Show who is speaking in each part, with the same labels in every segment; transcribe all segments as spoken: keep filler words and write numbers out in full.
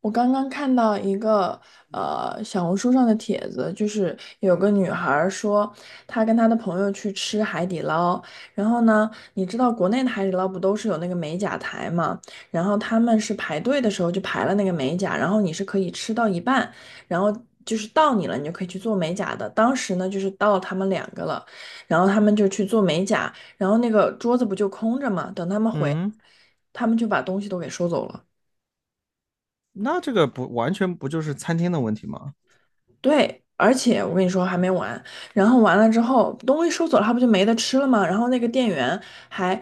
Speaker 1: 我刚刚看到一个呃小红书上的帖子，就是有个女孩儿说，她跟她的朋友去吃海底捞，然后呢，你知道国内的海底捞不都是有那个美甲台嘛，然后他们是排队的时候就排了那个美甲，然后你是可以吃到一半，然后就是到你了，你就可以去做美甲的。当时呢，就是到他们两个了，然后他们就去做美甲，然后那个桌子不就空着嘛，等他们回，
Speaker 2: 嗯，
Speaker 1: 他们就把东西都给收走了。
Speaker 2: 那这个不完全不就是餐厅的问题吗？
Speaker 1: 对，而且我跟你说还没完，然后完了之后东西收走了，他不就没得吃了吗？然后那个店员还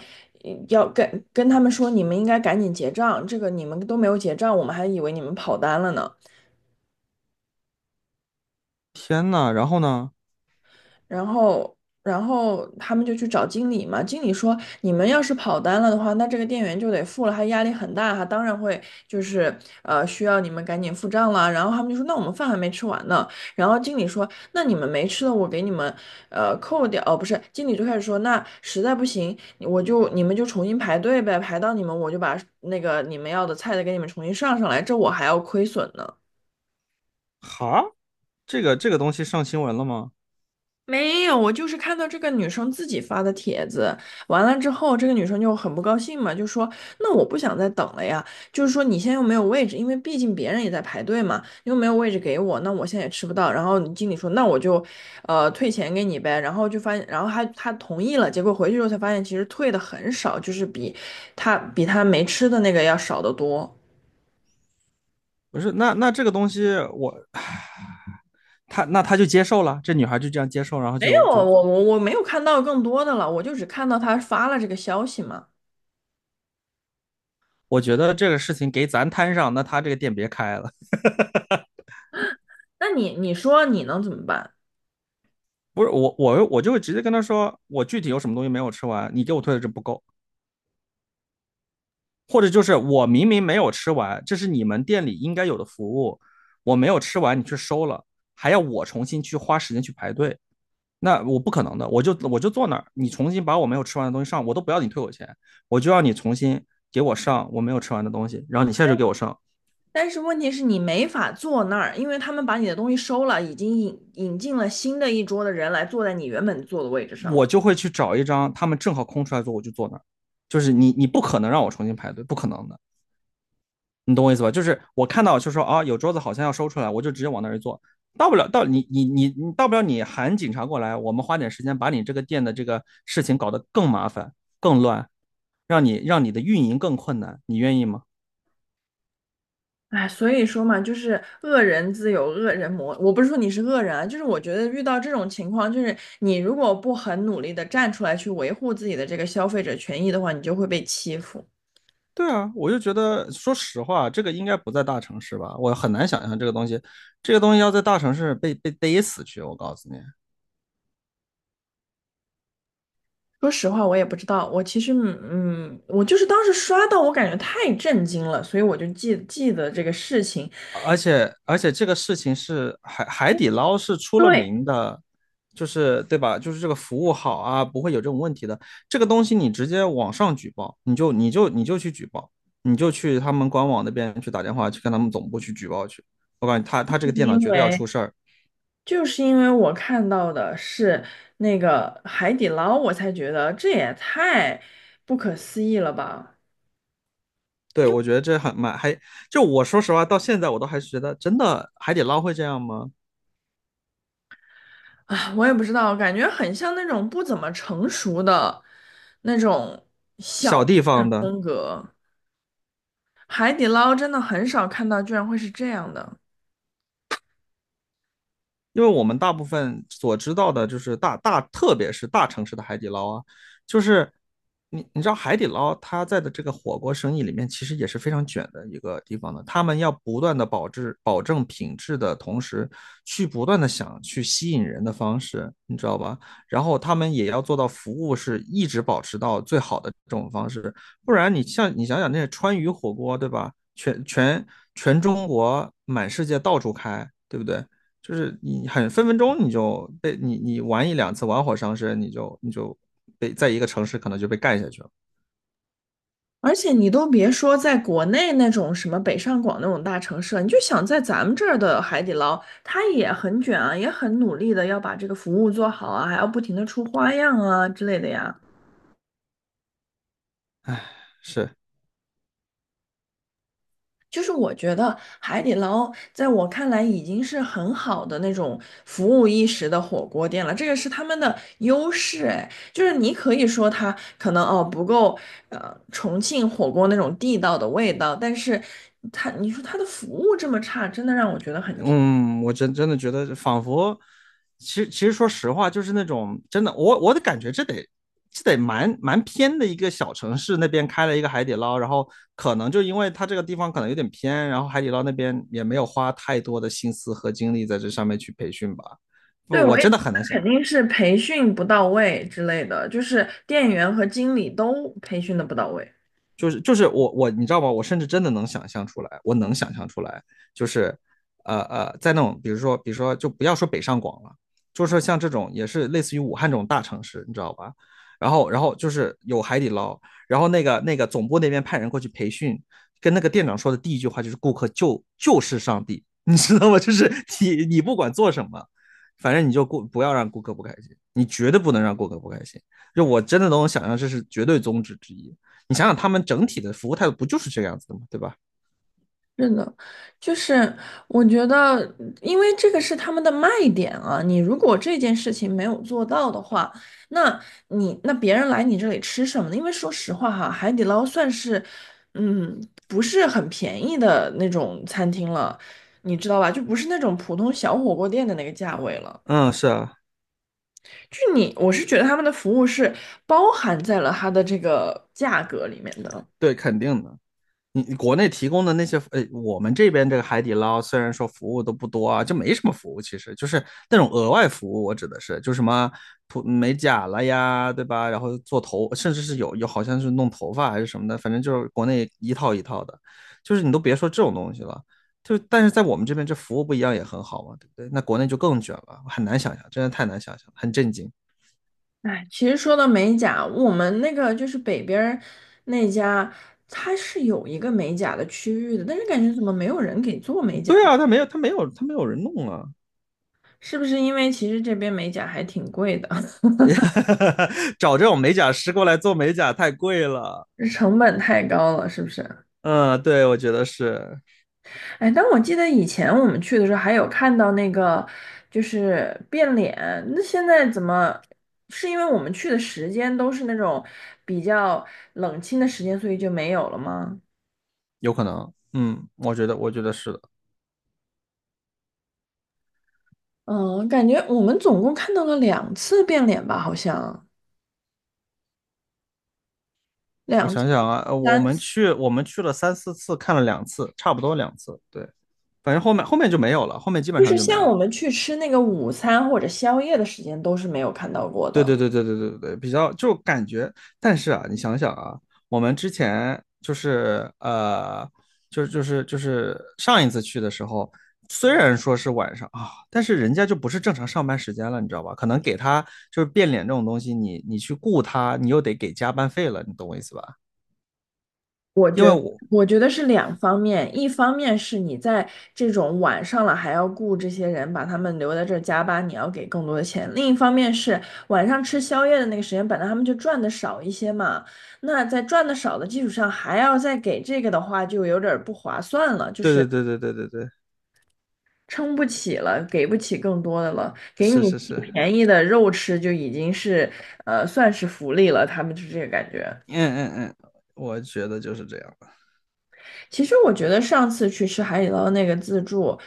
Speaker 1: 嗯要跟跟他们说，你们应该赶紧结账，这个你们都没有结账，我们还以为你们跑单了呢。
Speaker 2: 天呐，然后呢？
Speaker 1: 然后，然后他们就去找经理嘛。经理说，你们要是跑单了的话，那这个店员就得付了，他压力很大，他当然会就是呃需要你们赶紧付账了。然后他们就说，那我们饭还没吃完呢。然后经理说，那你们没吃的，我给你们呃扣掉。哦，不是，经理就开始说，那实在不行，我就你们就重新排队呗，排到你们我就把那个你们要的菜的给你们重新上上来，这我还要亏损呢。
Speaker 2: 哈，这个这个东西上新闻了吗？
Speaker 1: 没有，我就是看到这个女生自己发的帖子，完了之后，这个女生就很不高兴嘛，就说：“那我不想再等了呀，就是说你现在又没有位置，因为毕竟别人也在排队嘛，又没有位置给我，那我现在也吃不到。”然后你经理说：“那我就，呃，退钱给你呗。”然后就发现，然后他他同意了，结果回去之后才发现，其实退的很少，就是比他比他没吃的那个要少得多。
Speaker 2: 不是，那那这个东西我，他那他就接受了，这女孩就这样接受，然后
Speaker 1: 没有，
Speaker 2: 就
Speaker 1: 我
Speaker 2: 就，
Speaker 1: 我我没有看到更多的了，我就只看到他发了这个消息嘛。
Speaker 2: 我觉得这个事情给咱摊上，那他这个店别开了。
Speaker 1: 那你你说你能怎么办？
Speaker 2: 不是我，我我就会直接跟他说，我具体有什么东西没有吃完，你给我退的这不够，或者就是我明明没有吃完，这是你们店里应该有的服务，我没有吃完你去收了，还要我重新去花时间去排队，那我不可能的，我就我就坐那儿，你重新把我没有吃完的东西上，我都不要你退我钱，我就要你重新给我上我没有吃完的东西，然后你现在就给我上。
Speaker 1: 但是问题是你没法坐那儿，因为他们把你的东西收了，已经引引进了新的一桌的人来坐在你原本坐的位置上
Speaker 2: 我
Speaker 1: 了。
Speaker 2: 就会去找一张他们正好空出来坐，我就坐那儿，就是你你不可能让我重新排队，不可能的。你懂我意思吧？就是我看到就说啊，有桌子好像要收出来，我就直接往那儿一坐。到不了，到你你你你到不了，你喊警察过来，我们花点时间把你这个店的这个事情搞得更麻烦、更乱，让你让你的运营更困难，你愿意吗？
Speaker 1: 哎，所以说嘛，就是恶人自有恶人磨。我不是说你是恶人啊，就是我觉得遇到这种情况，就是你如果不很努力的站出来去维护自己的这个消费者权益的话，你就会被欺负。
Speaker 2: 对啊，我就觉得，说实话，这个应该不在大城市吧？我很难想象这个东西，这个东西要在大城市被被逮死去。我告诉你，
Speaker 1: 说实话，我也不知道，我其实嗯，嗯我就是当时刷到，我感觉太震惊了，所以我就记记得这个事情。
Speaker 2: 而且而且这个事情是海海底捞是出了
Speaker 1: 对，
Speaker 2: 名的，就是对吧？就是这个服务好啊，不会有这种问题的。这个东西你直接网上举报，你就你就你就去举报，你就去他们官网那边去打电话去跟他们总部去举报去。我感觉他他这
Speaker 1: 是
Speaker 2: 个电脑
Speaker 1: 因
Speaker 2: 绝对要
Speaker 1: 为。
Speaker 2: 出事儿。
Speaker 1: 就是因为我看到的是那个海底捞，我才觉得这也太不可思议了吧！
Speaker 2: 对，
Speaker 1: 因为
Speaker 2: 我觉得这很蛮还，就我说实话，到现在我都还是觉得真的海底捞会这样吗？
Speaker 1: 啊，我也不知道，感觉很像那种不怎么成熟的那种小
Speaker 2: 小地方
Speaker 1: 店
Speaker 2: 的，
Speaker 1: 风格。海底捞真的很少看到，居然会是这样的。
Speaker 2: 因为我们大部分所知道的就是大大，特别是大城市的海底捞啊，就是你你知道海底捞它在的这个火锅生意里面，其实也是非常卷的一个地方的。他们要不断的保质保证品质的同时，去不断的想去吸引人的方式，你知道吧？然后他们也要做到服务是一直保持到最好的这种方式，不然你像你想想那些川渝火锅，对吧？全全全中国满世界到处开，对不对？就是你很分分钟你就被你你玩一两次玩火伤身，你就你就被在一个城市可能就被干下去了。
Speaker 1: 而且你都别说在国内那种什么北上广那种大城市了，你就想在咱们这儿的海底捞，它也很卷啊，也很努力的要把这个服务做好啊，还要不停的出花样啊之类的呀。
Speaker 2: 是，
Speaker 1: 就是我觉得海底捞在我看来已经是很好的那种服务意识的火锅店了，这个是他们的优势。哎，就是你可以说它可能哦不够，呃，重庆火锅那种地道的味道，但是它你说它的服务这么差，真的让我觉得很。
Speaker 2: 嗯，我真真的觉得仿佛，其实其实说实话，就是那种真的，我我的感觉这得。这得蛮蛮偏的一个小城市，那边开了一个海底捞，然后可能就因为它这个地方可能有点偏，然后海底捞那边也没有花太多的心思和精力在这上面去培训吧。不，
Speaker 1: 对，我
Speaker 2: 我
Speaker 1: 也觉
Speaker 2: 真的
Speaker 1: 得
Speaker 2: 很难想
Speaker 1: 肯
Speaker 2: 象。
Speaker 1: 定是培训不到位之类的，就是店员和经理都培训的不到位。
Speaker 2: 就是就是我我你知道吗？我甚至真的能想象出来，我能想象出来，就是呃呃，在那种比如说比如说就不要说北上广了，就是像这种也是类似于武汉这种大城市，你知道吧？然后然后就是有海底捞，然后那个那个总部那边派人过去培训，跟那个店长说的第一句话就是顾客就就是上帝，你知道吗？就是你你不管做什么。反正你就顾不要让顾客不开心，你绝对不能让顾客不开心。就我真的能想象，这是绝对宗旨之一。你想想，他们整体的服务态度不就是这个样子的吗？对吧？
Speaker 1: 是的，就是我觉得，因为这个是他们的卖点啊。你如果这件事情没有做到的话，那你那别人来你这里吃什么呢？因为说实话哈，海底捞算是，嗯，不是很便宜的那种餐厅了，你知道吧？就不是那种普通小火锅店的那个价位了。
Speaker 2: 嗯，是啊，
Speaker 1: 就你，我是觉得他们的服务是包含在了它的这个价格里面的。
Speaker 2: 对，肯定的。你你国内提供的那些，呃，我们这边这个海底捞虽然说服务都不多啊，就没什么服务，其实就是那种额外服务。我指的是，就什么涂美甲了呀，对吧？然后做头，甚至是有有好像是弄头发还是什么的，反正就是国内一套一套的，就是你都别说这种东西了。就但是在我们这边，这服务不一样也很好嘛，对不对？那国内就更卷了，很难想象，真的太难想象，很震惊。
Speaker 1: 哎，其实说到美甲，我们那个就是北边儿那家，它是有一个美甲的区域的，但是感觉怎么没有人给做美甲
Speaker 2: 对
Speaker 1: 呢？
Speaker 2: 啊，他没有，他没有，他没有人弄啊。
Speaker 1: 是不是因为其实这边美甲还挺贵的，
Speaker 2: 找这种美甲师过来做美甲太贵了。
Speaker 1: 成本太高了，是不是？
Speaker 2: 嗯，对，我觉得是
Speaker 1: 哎，但我记得以前我们去的时候还有看到那个就是变脸，那现在怎么？是因为我们去的时间都是那种比较冷清的时间，所以就没有了吗？
Speaker 2: 有可能。嗯，我觉得，我觉得是的。
Speaker 1: 嗯，感觉我们总共看到了两次变脸吧，好像
Speaker 2: 我
Speaker 1: 两次、
Speaker 2: 想想啊，呃我
Speaker 1: 三
Speaker 2: 们
Speaker 1: 次，
Speaker 2: 去，我们去了三四次，看了两次，差不多两次。对，反正后面后面就没有了，后面基本
Speaker 1: 就是
Speaker 2: 上就没有
Speaker 1: 像我
Speaker 2: 了。
Speaker 1: 们去吃那个午餐或者宵夜的时间都是没有看到过
Speaker 2: 对
Speaker 1: 的。
Speaker 2: 对对对对对对，比较就感觉，但是啊，你想想啊，我们之前就是呃，就就是就是上一次去的时候，虽然说是晚上啊，但是人家就不是正常上班时间了，你知道吧？可能给他就是变脸这种东西，你你去雇他，你又得给加班费了，你懂我意思吧？因为我，
Speaker 1: 我觉得是两方面，一方面是你在这种晚上了还要雇这些人，把他们留在这儿加班，你要给更多的钱；另一方面是晚上吃宵夜的那个时间，本来他们就赚的少一些嘛，那在赚的少的基础上还要再给这个的话，就有点儿不划算了，就是。
Speaker 2: 对对对对对对对，
Speaker 1: 撑不起了，给不起更多的了，给你
Speaker 2: 是是
Speaker 1: 最
Speaker 2: 是，
Speaker 1: 便宜的肉吃就已经是，呃，算是福利了。他们就是这个感觉。
Speaker 2: 嗯嗯嗯，我觉得就是这样的。
Speaker 1: 其实我觉得上次去吃海底捞那个自助，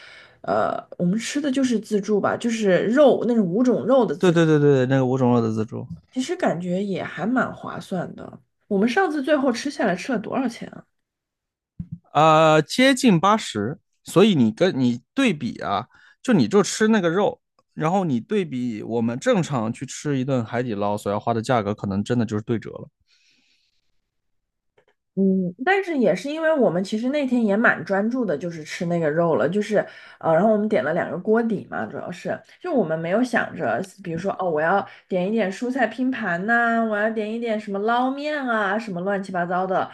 Speaker 1: 呃，我们吃的就是自助吧，就是肉那种五种肉的
Speaker 2: 对
Speaker 1: 自助，
Speaker 2: 对对对对，那个五种肉的自助。
Speaker 1: 其实感觉也还蛮划算的。我们上次最后吃下来吃了多少钱啊？
Speaker 2: 呃，接近八十，所以你跟你对比啊，就你就吃那个肉，然后你对比我们正常去吃一顿海底捞所要花的价格，可能真的就是对折了。
Speaker 1: 嗯，但是也是因为我们其实那天也蛮专注的，就是吃那个肉了，就是呃，然后我们点了两个锅底嘛，主要是就我们没有想着，比如说哦，我要点一点蔬菜拼盘呐、我要点一点什么捞面啊，什么乱七八糟的，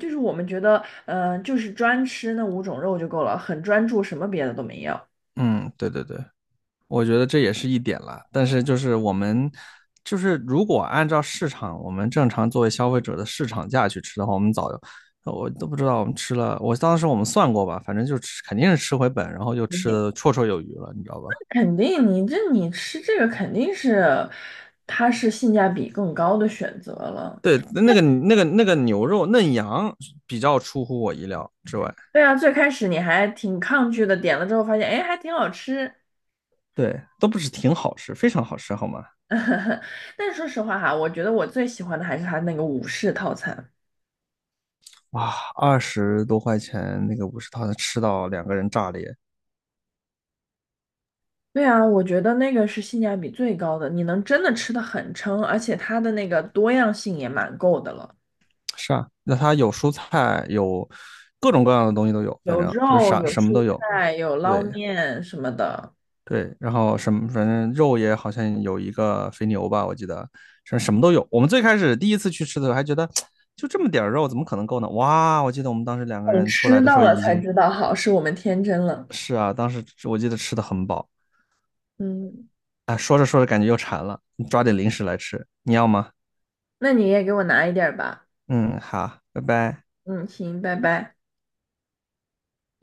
Speaker 1: 就是我们觉得，呃，就是专吃那五种肉就够了，很专注，什么别的都没要。
Speaker 2: 嗯，对对对，我觉得这也是一点啦。但是就是我们就是如果按照市场，我们正常作为消费者的市场价去吃的话，我们早就我都不知道我们吃了，我当时我们算过吧，反正就吃肯定是吃回本，然后就吃
Speaker 1: 嗯，
Speaker 2: 的绰绰有余了，你知道吧？
Speaker 1: 肯定你这你吃这个肯定是，它是性价比更高的选择了。
Speaker 2: 对，那个那个那个牛肉嫩羊比较出乎我意料之外，
Speaker 1: 对啊，最开始你还挺抗拒的，点了之后发现，哎，还挺好吃。
Speaker 2: 对，都不是挺好吃，非常好吃，好吗？
Speaker 1: 但说实话哈，我觉得我最喜欢的还是它那个武士套餐。
Speaker 2: 哇，二十多块钱那个五十套能吃到两个人炸裂，
Speaker 1: 对啊，我觉得那个是性价比最高的，你能真的吃的很撑，而且它的那个多样性也蛮够的了，
Speaker 2: 是啊，那它有蔬菜，有各种各样的东西都有，反
Speaker 1: 有
Speaker 2: 正就是
Speaker 1: 肉，
Speaker 2: 啥
Speaker 1: 有
Speaker 2: 什么都
Speaker 1: 蔬
Speaker 2: 有。
Speaker 1: 菜，有捞
Speaker 2: 对
Speaker 1: 面什么的。
Speaker 2: 对，然后什么反正肉也好像有一个肥牛吧，我记得什什么都有。我们最开始第一次去吃的时候还觉得就这么点肉怎么可能够呢？哇，我记得我们当时两个
Speaker 1: 等
Speaker 2: 人出
Speaker 1: 吃
Speaker 2: 来的时
Speaker 1: 到
Speaker 2: 候
Speaker 1: 了
Speaker 2: 已
Speaker 1: 才
Speaker 2: 经
Speaker 1: 知道，好，是我们天真了。
Speaker 2: 是啊，当时我记得吃的很饱
Speaker 1: 嗯，
Speaker 2: 啊，说着说着感觉又馋了，你抓点零食来吃，你要吗？
Speaker 1: 那你也给我拿一点儿吧。
Speaker 2: 嗯，好，拜拜。
Speaker 1: 嗯，行，拜拜。